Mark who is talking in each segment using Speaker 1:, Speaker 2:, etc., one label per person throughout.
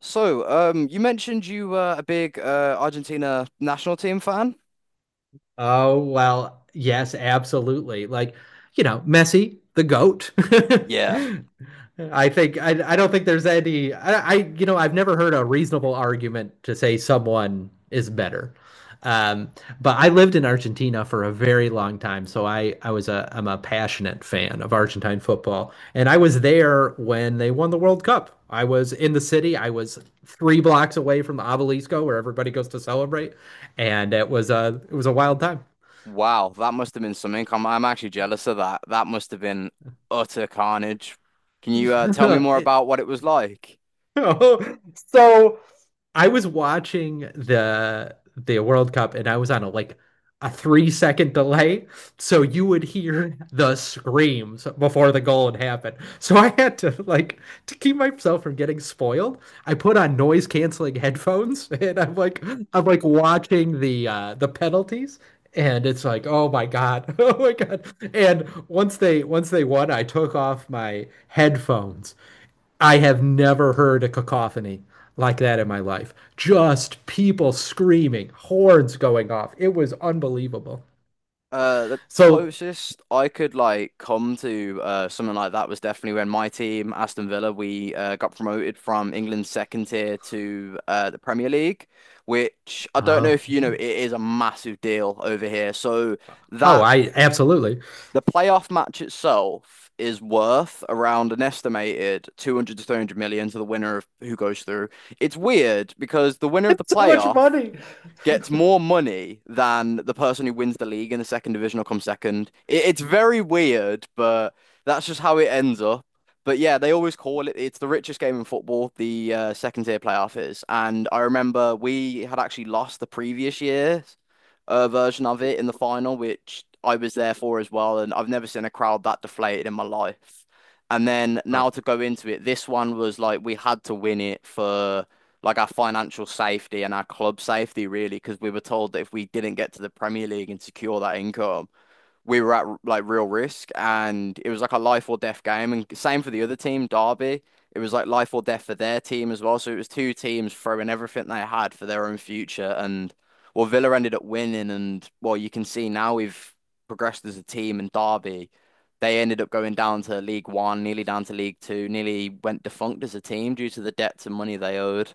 Speaker 1: You mentioned you were a big Argentina national team fan.
Speaker 2: Oh, well, yes, absolutely. Messi, the GOAT.
Speaker 1: Yeah.
Speaker 2: I don't think there's any I you know I've never heard a reasonable argument to say someone is better. Um, but I lived in Argentina for a very long time, so I'm a passionate fan of Argentine football, and I was there when they won the World Cup. I was in the city. I was three blocks away from the Obelisco, where everybody goes to celebrate, and it was a wild time.
Speaker 1: Wow, that must have been some income. I'm actually jealous of that. That must have been utter carnage. Can you tell me more
Speaker 2: It-
Speaker 1: about what it was like?
Speaker 2: so I was watching the World Cup and I was on a 3 second delay, so you would hear the screams before the goal had happened. So I had to to keep myself from getting spoiled. I put on noise canceling headphones and I'm like watching the penalties. And it's like, oh my God, oh my God. And once they won, I took off my headphones. I have never heard a cacophony like that in my life. Just people screaming, horns going off. It was unbelievable.
Speaker 1: The
Speaker 2: So,
Speaker 1: closest I could like come to something like that was definitely when my team, Aston Villa, we got promoted from England's second tier to the Premier League, which I don't know
Speaker 2: uh,
Speaker 1: if you know, it is a massive deal over here. So.
Speaker 2: oh,
Speaker 1: That
Speaker 2: I absolutely.
Speaker 1: The playoff match itself is worth around an estimated 200 to 300 million to the winner of who goes through. It's weird because the winner of the
Speaker 2: It's so much
Speaker 1: playoff
Speaker 2: money.
Speaker 1: gets more money than the person who wins the league in the second division or comes second. It's very weird, but that's just how it ends up. But yeah, they always call it it's the richest game in football, the second tier playoff is. And I remember we had actually lost the previous year's version of it in the final, which I was there for as well. And I've never seen a crowd that deflated in my life. And then
Speaker 2: Oh.
Speaker 1: now to go into it, this one was like we had to win it for like our financial safety and our club safety, really, because we were told that if we didn't get to the Premier League and secure that income, we were at like real risk. And it was like a life or death game. And same for the other team, Derby. It was like life or death for their team as well. So it was two teams throwing everything they had for their own future. And well, Villa ended up winning. And well, you can see now we've progressed as a team. And Derby, they ended up going down to League One, nearly down to League Two, nearly went defunct as a team due to the debts and money they owed.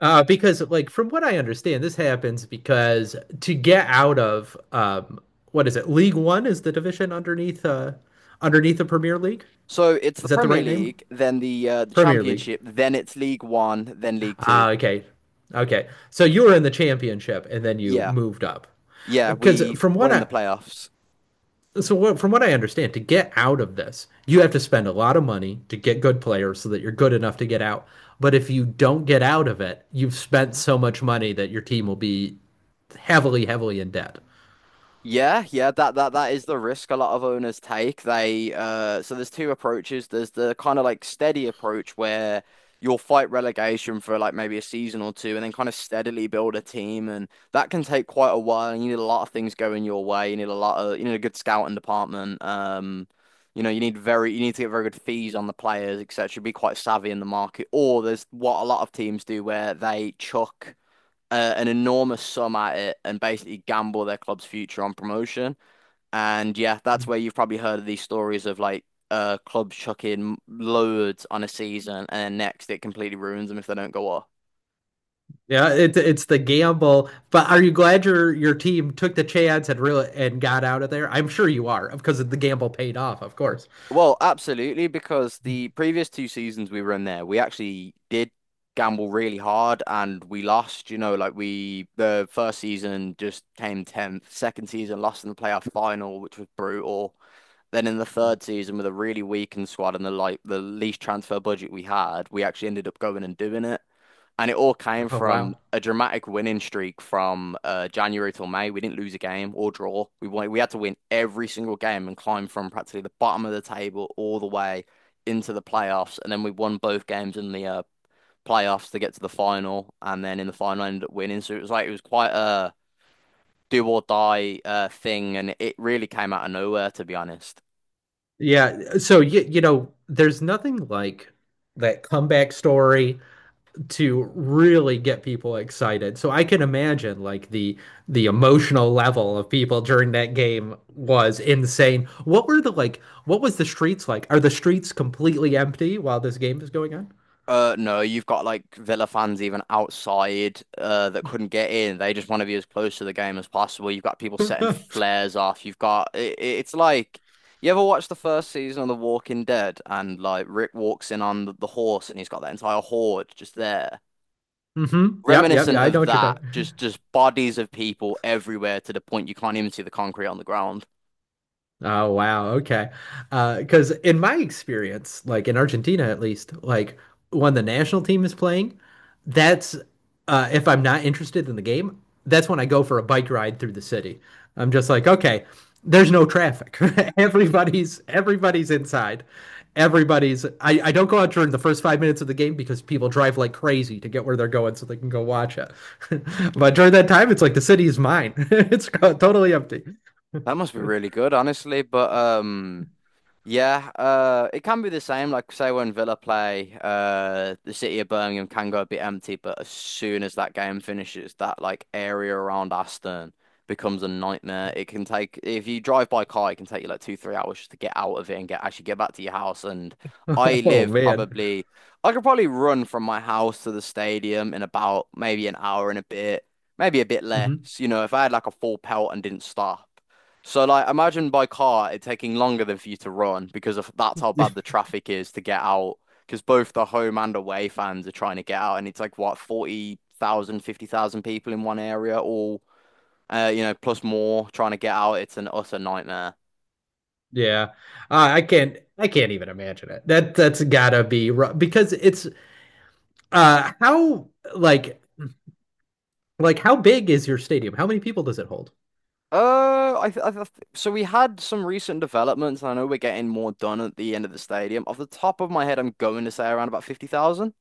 Speaker 2: Because, like, from what I understand, this happens because to get out of what is it? League One is the division underneath underneath the Premier League.
Speaker 1: So it's the
Speaker 2: Is that the
Speaker 1: Premier
Speaker 2: right name?
Speaker 1: League, then the
Speaker 2: Premier League.
Speaker 1: Championship, then it's League One, then League Two.
Speaker 2: Ah, okay. Okay. So you were in the championship and then you
Speaker 1: Yeah,
Speaker 2: moved up.
Speaker 1: yeah,
Speaker 2: Because
Speaker 1: we
Speaker 2: from
Speaker 1: won
Speaker 2: what
Speaker 1: in the
Speaker 2: I
Speaker 1: playoffs.
Speaker 2: so what, from what I understand, to get out of this, you have to spend a lot of money to get good players so that you're good enough to get out. But if you don't get out of it, you've spent so much money that your team will be heavily, heavily in debt.
Speaker 1: Yeah, yeah, that is the risk a lot of owners take. They so there's two approaches. There's the kind of like steady approach where you'll fight relegation for like maybe a season or two and then kind of steadily build a team, and that can take quite a while and you need a lot of things going your way. You need a lot of you need a good scouting department. You know, you need very you need to get very good fees on the players, etc. Be quite savvy in the market. Or there's what a lot of teams do where they chuck an enormous sum at it and basically gamble their club's future on promotion. And yeah, that's where you've probably heard of these stories of like clubs chucking loads on a season and next it completely ruins them if they don't go up.
Speaker 2: Yeah, it's the gamble. But are you glad your team took the chance and got out of there? I'm sure you are, because the gamble paid off, of course.
Speaker 1: Well, absolutely, because the previous two seasons we were in there, we actually did gamble really hard and we lost, you know, like we the first season just came 10th, second season lost in the playoff final, which was brutal. Then in the third season, with a really weakened squad and the like the least transfer budget we had, we actually ended up going and doing it. And it all came
Speaker 2: Oh
Speaker 1: from
Speaker 2: wow.
Speaker 1: a dramatic winning streak from January till May. We didn't lose a game or draw. We won we had to win every single game and climb from practically the bottom of the table all the way into the playoffs. And then we won both games in the playoffs to get to the final, and then in the final ended up winning. So it was like it was quite a do or die thing, and it really came out of nowhere, to be honest.
Speaker 2: Yeah, so you know, there's nothing like that comeback story to really get people excited. So I can imagine the emotional level of people during that game was insane. What was the streets like? Are the streets completely empty while this game is going
Speaker 1: No, you've got like Villa fans even outside that couldn't get in. They just want to be as close to the game as possible. You've got people setting
Speaker 2: on?
Speaker 1: flares off. You've got it's like you ever watched the first season of The Walking Dead and like Rick walks in on the horse and he's got that entire horde just there.
Speaker 2: Mm-hmm. Yep, yep,
Speaker 1: Reminiscent
Speaker 2: yeah, I know
Speaker 1: of
Speaker 2: what you're
Speaker 1: that,
Speaker 2: talking.
Speaker 1: just bodies of people everywhere to the point you can't even see the concrete on the ground.
Speaker 2: Oh wow, okay. Because in my experience, like in Argentina at least, like when the national team is playing, that's if I'm not interested in the game, that's when I go for a bike ride through the city. I'm just like, okay, there's no traffic. Everybody's inside. I don't go out during the first 5 minutes of the game because people drive like crazy to get where they're going so they can go watch it. But during that time, it's like the city is mine. It's totally empty.
Speaker 1: That must be really good, honestly. But. Yeah, it can be the same. Like say when Villa play, the city of Birmingham can go a bit empty, but as soon as that game finishes, that like area around Aston becomes a nightmare. It can take if you drive by car, it can take you like two, 3 hours just to get out of it and get actually get back to your house. And I
Speaker 2: Oh
Speaker 1: live
Speaker 2: man.
Speaker 1: probably, I could probably run from my house to the stadium in about maybe an hour and a bit, maybe a bit less.
Speaker 2: Hmm.
Speaker 1: You know, if I had like a full pelt and didn't stop. So like imagine by car it taking longer than for you to run because of that's how bad the traffic is to get out because both the home and away fans are trying to get out and it's like what 40,000 50,000 people in one area all you know plus more trying to get out it's an utter nightmare.
Speaker 2: Yeah. I can't even imagine it. That that's gotta be rough because it's how like like how big is your stadium? How many people does it hold?
Speaker 1: I th So we had some recent developments and I know we're getting more done at the end of the stadium. Off the top of my head I'm going to say around about 50,000.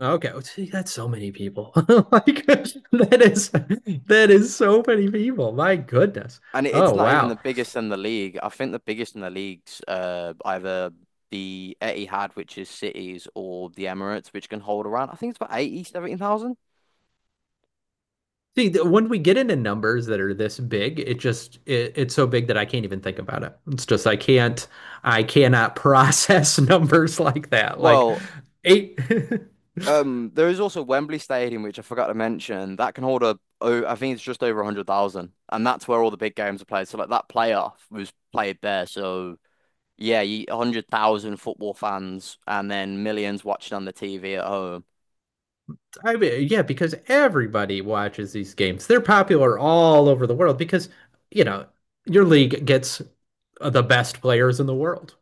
Speaker 2: Okay, oh, see, that's so many people. Like that is that is so many people. My goodness.
Speaker 1: And it's
Speaker 2: Oh
Speaker 1: not even the
Speaker 2: wow.
Speaker 1: biggest in the league. I think the biggest in the league's either the Etihad, which is cities, or the Emirates, which can hold around, I think it's about 80, 70,000.
Speaker 2: See, when we get into numbers that are this big, it just it's so big that I can't even think about it. It's just I can't I cannot process numbers like that. Like
Speaker 1: Well,
Speaker 2: eight.
Speaker 1: there is also Wembley Stadium, which I forgot to mention, that can hold a, oh, I think it's just over 100,000. And that's where all the big games are played. So, like, that playoff was played there. So, yeah, you, 100,000 football fans and then millions watching on the TV at home.
Speaker 2: I mean, yeah, because everybody watches these games. They're popular all over the world because you know your league gets the best players in the world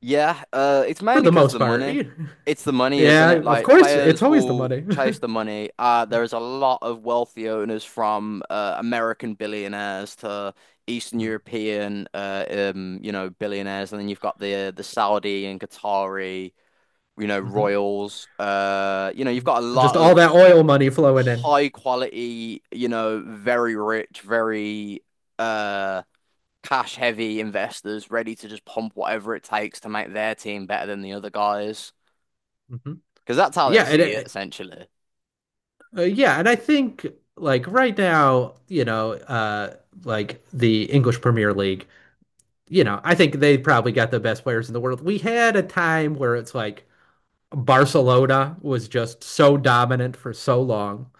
Speaker 1: Yeah, it's
Speaker 2: for
Speaker 1: mainly
Speaker 2: the
Speaker 1: because
Speaker 2: most
Speaker 1: the
Speaker 2: part.
Speaker 1: money.
Speaker 2: You-
Speaker 1: It's the money, isn't
Speaker 2: Yeah,
Speaker 1: it?
Speaker 2: of
Speaker 1: Like
Speaker 2: course. It's
Speaker 1: players
Speaker 2: always the
Speaker 1: will
Speaker 2: money.
Speaker 1: chase the money. There is a lot of wealthy owners from American billionaires to Eastern European, you know, billionaires, and then you've got the Saudi and Qatari, you know,
Speaker 2: Mm-hmm.
Speaker 1: royals. You know, you've got a lot
Speaker 2: Just all
Speaker 1: of
Speaker 2: that oil money flowing in.
Speaker 1: high quality, you know, very rich, very uh cash heavy investors ready to just pump whatever it takes to make their team better than the other guys
Speaker 2: Hmm.
Speaker 1: because that's how they
Speaker 2: Yeah,
Speaker 1: see it
Speaker 2: and
Speaker 1: essentially.
Speaker 2: yeah, and I think like right now, you know, like the English Premier League, you know, I think they probably got the best players in the world. We had a time where it's like Barcelona was just so dominant for so long.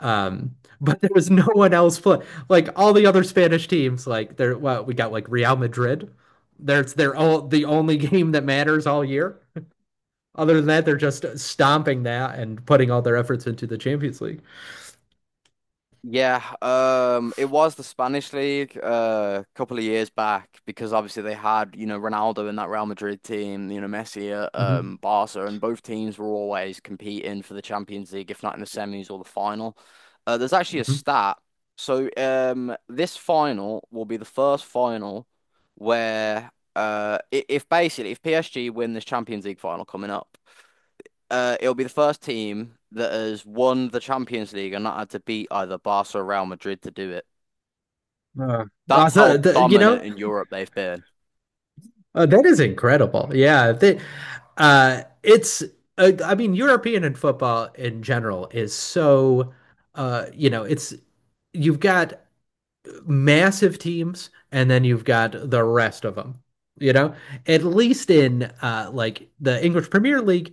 Speaker 2: But there was no one else play. Like all the other Spanish teams, like we got like Real Madrid. There's they're all the only game that matters all year. Other than that, they're just stomping that and putting all their efforts into the Champions League.
Speaker 1: Yeah, it was the Spanish league a couple of years back because obviously they had, you know, Ronaldo in that Real Madrid team, you know, Messi at
Speaker 2: Hmm.
Speaker 1: Barca, and both teams were always competing for the Champions League, if not in the semis or the final. There's actually a
Speaker 2: Hmm.
Speaker 1: stat. So this final will be the first final where if basically if PSG win this Champions League final coming up, it'll be the first team that has won the Champions League and not had to beat either Barca or Real Madrid to do it.
Speaker 2: Uh,
Speaker 1: That's how
Speaker 2: you
Speaker 1: dominant
Speaker 2: know,
Speaker 1: in Europe they've been.
Speaker 2: that is incredible. Yeah, they, it's. I mean, European and football in general is so. You know, it's you've got massive teams, and then you've got the rest of them. You know, at least in like the English Premier League,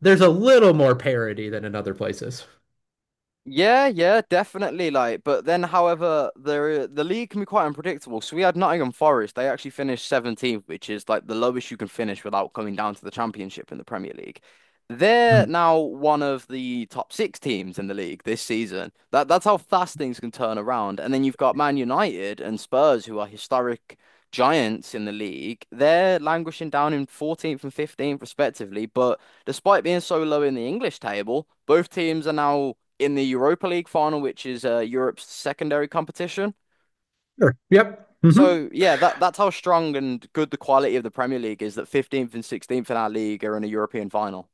Speaker 2: there's a little more parity than in other places.
Speaker 1: Yeah, yeah, definitely. Like, but then, however, the league can be quite unpredictable. So we had Nottingham Forest. They actually finished 17th, which is like the lowest you can finish without coming down to the championship in the Premier League. They're
Speaker 2: Mm.
Speaker 1: now one of the top six teams in the league this season. That's how fast things can turn around. And then you've got Man United and Spurs, who are historic giants in the league. They're languishing down in 14th and 15th respectively. But despite being so low in the English table, both teams are now in the Europa League final, which is Europe's secondary competition.
Speaker 2: Sure. Yep. Mm-hmm.
Speaker 1: So yeah, that's how strong and good the quality of the Premier League is that 15th and 16th in our league are in a European final.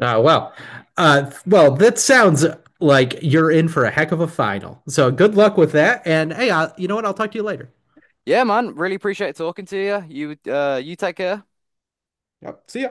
Speaker 2: Uh, well, well, that sounds like you're in for a heck of a final. So good luck with that. And hey, you know what? I'll talk to you later.
Speaker 1: Yeah, man, really appreciate talking to you. You take care.
Speaker 2: Yep. See ya.